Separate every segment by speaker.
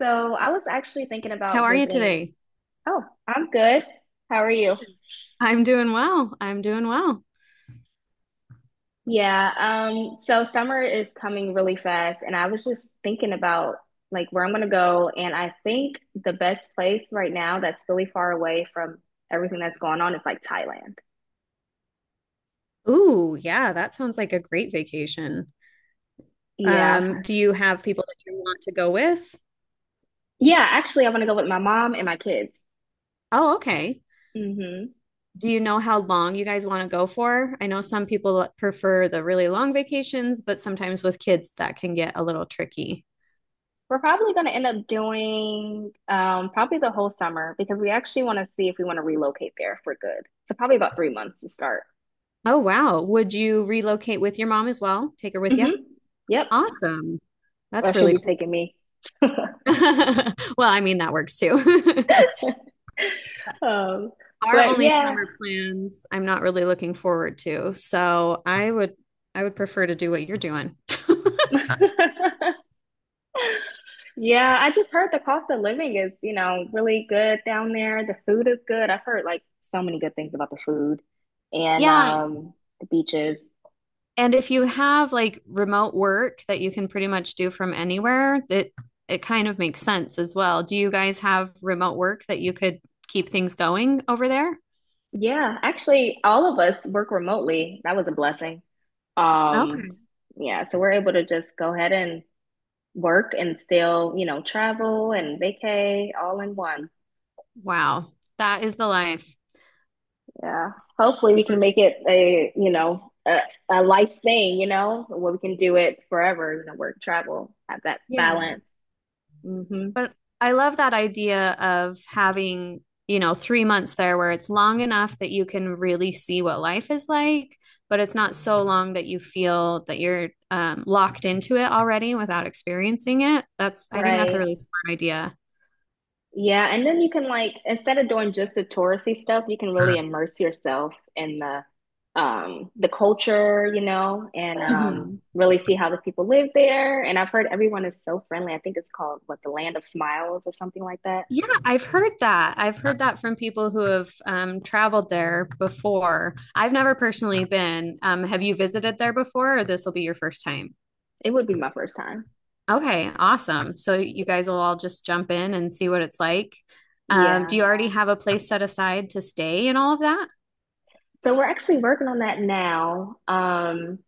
Speaker 1: So I was actually thinking
Speaker 2: How
Speaker 1: about
Speaker 2: are you
Speaker 1: visiting.
Speaker 2: today?
Speaker 1: Oh, I'm good. How are you?
Speaker 2: I'm doing well. I'm doing well.
Speaker 1: Yeah, so summer is coming really fast, and I was just thinking about like where I'm gonna go, and I think the best place right now that's really far away from everything that's going on is like Thailand.
Speaker 2: Ooh, yeah, that sounds like a great vacation.
Speaker 1: Yeah, I've-
Speaker 2: Do you have people that you want to go with?
Speaker 1: yeah, actually, I want to go with my mom and my kids.
Speaker 2: Oh, okay.
Speaker 1: Hmm.
Speaker 2: Do you know how long you guys want to go for? I know some people prefer the really long vacations, but sometimes with kids that can get a little tricky.
Speaker 1: We're probably gonna end up doing probably the whole summer because we actually want to see if we want to relocate there for good. So probably about 3 months to start.
Speaker 2: Oh, wow. Would you relocate with your mom as well? Take her with you?
Speaker 1: Hmm. Yep.
Speaker 2: Awesome.
Speaker 1: Or
Speaker 2: That's
Speaker 1: she'll
Speaker 2: really
Speaker 1: be
Speaker 2: cool.
Speaker 1: taking me.
Speaker 2: Well, I mean, that works too.
Speaker 1: Um,
Speaker 2: Our
Speaker 1: but
Speaker 2: only
Speaker 1: yeah.
Speaker 2: summer plans, I'm not really looking forward to. So I would prefer to do what you're doing.
Speaker 1: Yeah, I just heard the cost of living is, you know, really good down there. The food is good. I've heard like so many good things about the food and
Speaker 2: Yeah,
Speaker 1: um the beaches.
Speaker 2: and if you have like remote work that you can pretty much do from anywhere, it kind of makes sense as well. Do you guys have remote work that you could keep things going over there?
Speaker 1: Yeah, actually all of us work remotely. That was a blessing. Um,
Speaker 2: Okay.
Speaker 1: yeah, so we're able to just go ahead and work and still, you know, travel and vacay all in one.
Speaker 2: Wow. That is the life.
Speaker 1: Yeah. Hopefully we can make it a life thing, you know, where we can do it forever, you know, work, travel, have that
Speaker 2: Yeah.
Speaker 1: balance. Hmm.
Speaker 2: But I love that idea of having, you know, 3 months there where it's long enough that you can really see what life is like, but it's not so long that you feel that you're locked into it already without experiencing it. I think that's a
Speaker 1: Right.
Speaker 2: really smart idea.
Speaker 1: Yeah. And then you can like, instead of doing just the touristy stuff, you can really immerse yourself in the culture, you know, and
Speaker 2: Hmm
Speaker 1: really see how the people live there. And I've heard everyone is so friendly. I think it's called what, the Land of Smiles or something like that.
Speaker 2: Yeah, I've heard that. I've heard that from people who have traveled there before. I've never personally been. Have you visited there before, or this will be your first time?
Speaker 1: It would be my first time.
Speaker 2: Okay, awesome. So you guys will all just jump in and see what it's like. Do
Speaker 1: Yeah.
Speaker 2: you already have a place set aside to stay and all of that?
Speaker 1: So we're actually working on that now.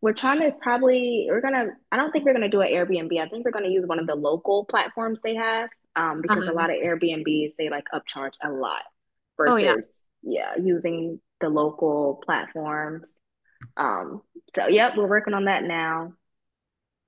Speaker 1: We're trying to probably we're gonna I don't think we're gonna do an Airbnb. I think we're gonna use one of the local platforms they have because a
Speaker 2: Uh-huh.
Speaker 1: lot of Airbnbs they like upcharge a lot
Speaker 2: Oh yeah,
Speaker 1: versus yeah using the local platforms. Um, so yep, we're working on that now.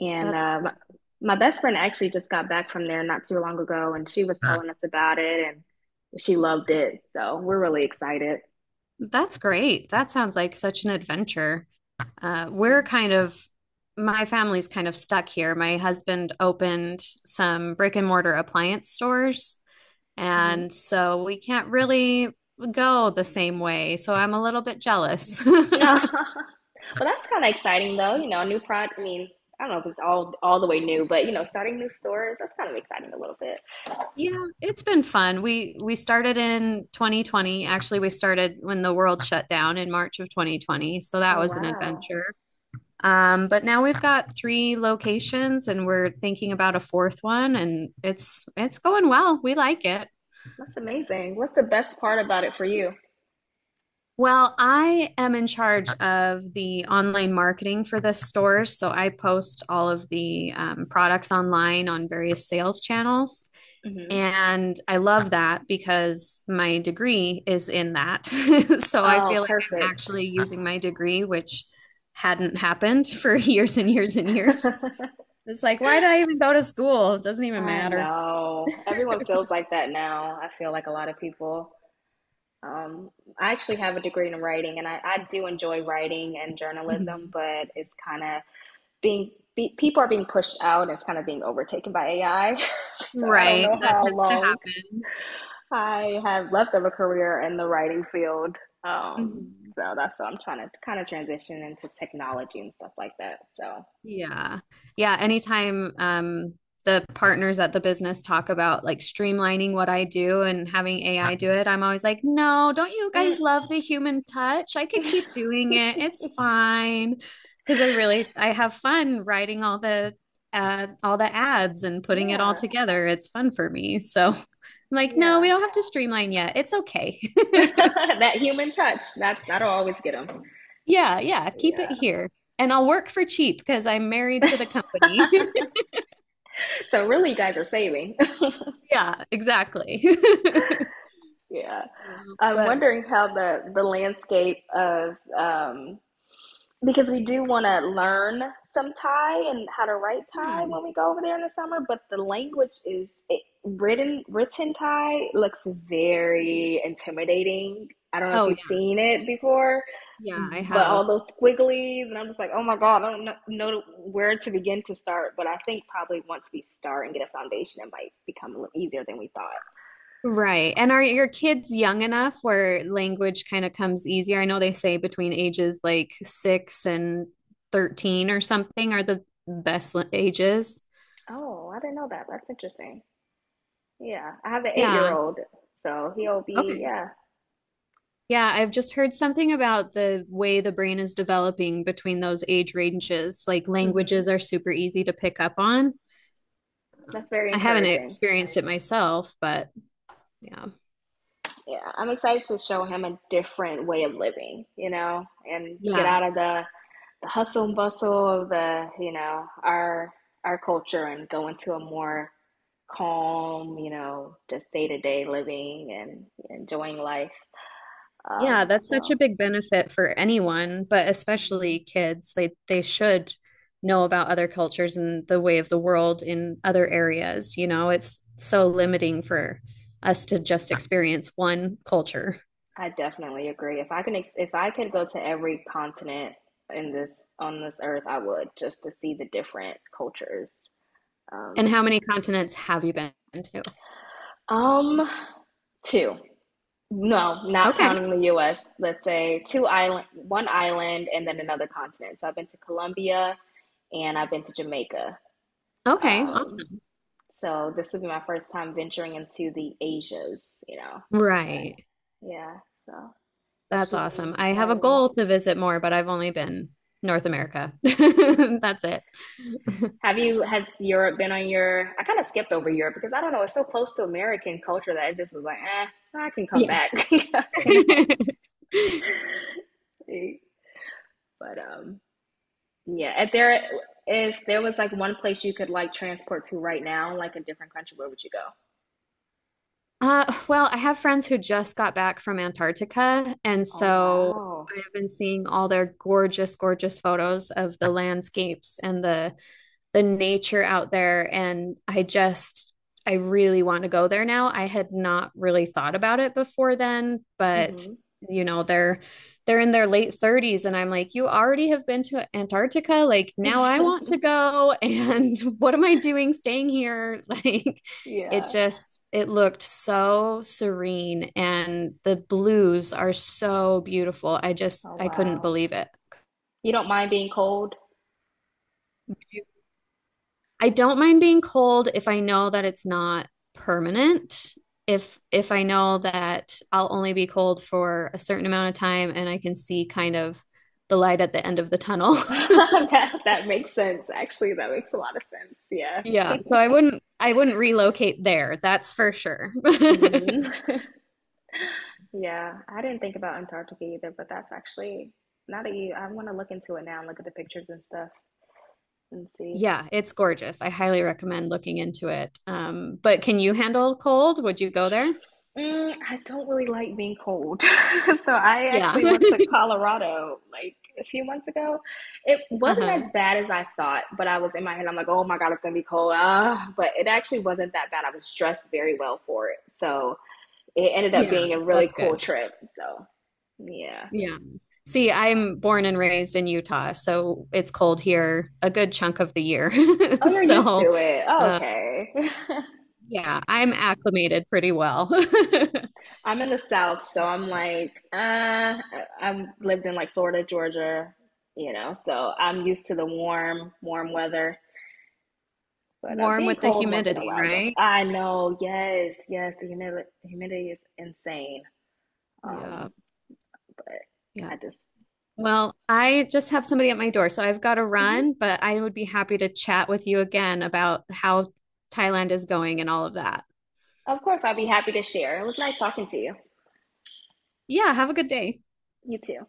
Speaker 1: And
Speaker 2: that's awesome.
Speaker 1: my best friend actually just got back from there not too long ago, and she was telling us about it, and she loved it. So we're really excited.
Speaker 2: That's great. That sounds like such an adventure.
Speaker 1: Yeah.
Speaker 2: We're kind of, my family's kind of stuck here. My husband opened some brick and mortar appliance stores,
Speaker 1: Hmm.
Speaker 2: and so we can't really go the same way. So I'm a little bit jealous.
Speaker 1: Well, that's kind of exciting, though. You know, a new product. I mean, I don't know if it's all the way new, but you know, starting new stores, that's kind of exciting a little bit.
Speaker 2: Yeah, it's been fun. We started in 2020. Actually, we started when the world shut down in March of 2020, so that
Speaker 1: Oh,
Speaker 2: was an
Speaker 1: wow,
Speaker 2: adventure. But now we've got three locations and we're thinking about a fourth one and it's going well. We like it.
Speaker 1: that's amazing. What's the best part about it for you?
Speaker 2: Well, I am in charge of the online marketing for the stores, so I post all of the products online on various sales channels.
Speaker 1: Hmm.
Speaker 2: And I love that because my degree is in that. So I
Speaker 1: Oh,
Speaker 2: feel like I'm
Speaker 1: perfect.
Speaker 2: actually using my degree, which hadn't happened for years and years and years. It's like, why did I even go to school? It doesn't even
Speaker 1: I
Speaker 2: matter.
Speaker 1: know everyone feels like that now. I feel like a lot of people. Um, I actually have a degree in writing, and I do enjoy writing and journalism,
Speaker 2: Mhm.
Speaker 1: but it's kind of people are being pushed out. And it's kind of being overtaken by AI. So I don't
Speaker 2: Right.
Speaker 1: know
Speaker 2: That
Speaker 1: how
Speaker 2: tends to
Speaker 1: long
Speaker 2: happen.
Speaker 1: I have left of a career in the writing field.
Speaker 2: Mhm.
Speaker 1: So that's what I'm trying to kind of transition into technology and stuff like that. So,
Speaker 2: Yeah. Yeah. Anytime the partners at the business talk about like streamlining what I do and having AI do it, I'm always like, no, don't you
Speaker 1: mm,
Speaker 2: guys love the human touch? I could keep doing it. It's fine. Because I really I have fun writing all the ads and putting it all
Speaker 1: yeah,
Speaker 2: together. It's fun for me. So I'm like, no, we
Speaker 1: yeah.
Speaker 2: don't have to streamline yet. It's okay.
Speaker 1: That human touch, that'll always get them.
Speaker 2: Yeah, yeah, keep it
Speaker 1: Yeah.
Speaker 2: here. And I'll work for cheap because I'm married to the company.
Speaker 1: So really, you guys are saving.
Speaker 2: Yeah, exactly.
Speaker 1: Yeah.
Speaker 2: Uh,
Speaker 1: I'm
Speaker 2: But
Speaker 1: wondering how the landscape of, because we do want to learn some Thai and how to write Thai
Speaker 2: yeah.
Speaker 1: when we go over there in the summer. But the language is it, written Thai looks very intimidating. I don't know if
Speaker 2: Oh
Speaker 1: you've
Speaker 2: yeah.
Speaker 1: seen it before,
Speaker 2: Yeah, I
Speaker 1: but
Speaker 2: have.
Speaker 1: all those squigglies and I'm just like, oh my god, I don't know where to begin to start. But I think probably once we start and get a foundation, it might become a little easier than we thought.
Speaker 2: Right. And are your kids young enough where language kind of comes easier? I know they say between ages like six and 13 or something are the best ages.
Speaker 1: Oh, I didn't know that. That's interesting. Yeah, I have an 8 year
Speaker 2: Yeah.
Speaker 1: old, so he'll be
Speaker 2: Okay.
Speaker 1: yeah.
Speaker 2: Yeah, I've just heard something about the way the brain is developing between those age ranges. Like
Speaker 1: Mm-hmm.
Speaker 2: languages are super easy to pick up on.
Speaker 1: That's very
Speaker 2: I haven't
Speaker 1: encouraging.
Speaker 2: experienced it myself, but yeah.
Speaker 1: Yeah, I'm excited to show him a different way of living, you know, and get
Speaker 2: Yeah.
Speaker 1: out of the hustle and bustle of the, you know, our culture and go into a more calm, you know, just day to day living and enjoying life.
Speaker 2: Yeah,
Speaker 1: Um,
Speaker 2: that's such a
Speaker 1: so
Speaker 2: big benefit for anyone, but especially
Speaker 1: mhm.
Speaker 2: kids. They should know about other cultures and the way of the world in other areas. You know, it's so limiting for us to just experience one culture.
Speaker 1: I definitely agree. If I could go to every continent in this on this earth, I would, just to see the different cultures.
Speaker 2: And
Speaker 1: Um,
Speaker 2: how many continents have you been to?
Speaker 1: um, two. No, not
Speaker 2: Okay.
Speaker 1: counting the US. Let's say two island, one island, and then another continent. So I've been to Colombia and I've been to Jamaica.
Speaker 2: Okay,
Speaker 1: Um,
Speaker 2: awesome.
Speaker 1: so this would be my first time venturing into the Asias, you know. But
Speaker 2: Right.
Speaker 1: yeah, so it
Speaker 2: That's
Speaker 1: should be
Speaker 2: awesome. I have a
Speaker 1: exciting.
Speaker 2: goal to visit more, but I've only been North America. That's it.
Speaker 1: Have you has Europe been on your? I kind of skipped over Europe because I don't know. It's so close to American culture that I just was like, eh, I can come
Speaker 2: Yeah.
Speaker 1: back, you know. But Yeah, if there was like one place you could like transport to right now, like a different country, where would you go?
Speaker 2: Well, I have friends who just got back from Antarctica, and
Speaker 1: Oh,
Speaker 2: so
Speaker 1: wow.
Speaker 2: I have been seeing all their gorgeous, gorgeous photos of the landscapes and the nature out there and I really want to go there now. I had not really thought about it before then, but
Speaker 1: Hmm.
Speaker 2: you know, they're in their late 30s and I'm like, "You already have been to Antarctica, like now I want to go and what am I doing staying here?" Like it
Speaker 1: Yeah.
Speaker 2: just it looked so serene and the blues are so beautiful. I just
Speaker 1: Oh,
Speaker 2: I couldn't
Speaker 1: wow.
Speaker 2: believe it.
Speaker 1: You don't mind being cold?
Speaker 2: I don't mind being cold if I know that it's not permanent. If I know that I'll only be cold for a certain amount of time and I can see kind of the light at the end of the tunnel.
Speaker 1: That makes sense. Actually, that makes a lot of sense. Yeah.
Speaker 2: Yeah, so I wouldn't relocate there. That's for sure.
Speaker 1: Hmm. Yeah, I didn't think about Antarctica either, but that's actually not that you. I want to look into it now and look at the pictures and stuff and see.
Speaker 2: Yeah, it's gorgeous. I highly recommend looking into it. But can you handle cold? Would you go there?
Speaker 1: Mm, I don't really like being cold. So I
Speaker 2: Yeah.
Speaker 1: actually went to Colorado like a few months ago. It wasn't as
Speaker 2: Uh-huh.
Speaker 1: bad as I thought, but I was in my head, I'm like, oh my God, it's gonna be cold. Ah, but it actually wasn't that bad. I was dressed very well for it. So it ended up
Speaker 2: Yeah,
Speaker 1: being a really
Speaker 2: that's
Speaker 1: cool
Speaker 2: good.
Speaker 1: trip. So yeah.
Speaker 2: Yeah. See, I'm born and raised in Utah, so it's cold here a good chunk of the year.
Speaker 1: Oh, you're used
Speaker 2: So,
Speaker 1: to it. Oh,
Speaker 2: uh,
Speaker 1: okay.
Speaker 2: yeah, I'm acclimated pretty well.
Speaker 1: I'm in the South, so I'm like, I've lived in like Florida, Georgia, you know, so I'm used to the warm weather. But
Speaker 2: Warm
Speaker 1: being
Speaker 2: with the
Speaker 1: cold once in a
Speaker 2: humidity,
Speaker 1: while is okay.
Speaker 2: right?
Speaker 1: I know, the humidity is insane.
Speaker 2: Yeah,
Speaker 1: Um, but
Speaker 2: yeah.
Speaker 1: I just,
Speaker 2: Well, I just have somebody at my door, so I've got to
Speaker 1: Mhm.
Speaker 2: run, but I would be happy to chat with you again about how Thailand is going and all of that.
Speaker 1: Of course, I'll be happy to share. It was nice talking to you.
Speaker 2: Yeah, have a good day.
Speaker 1: You too.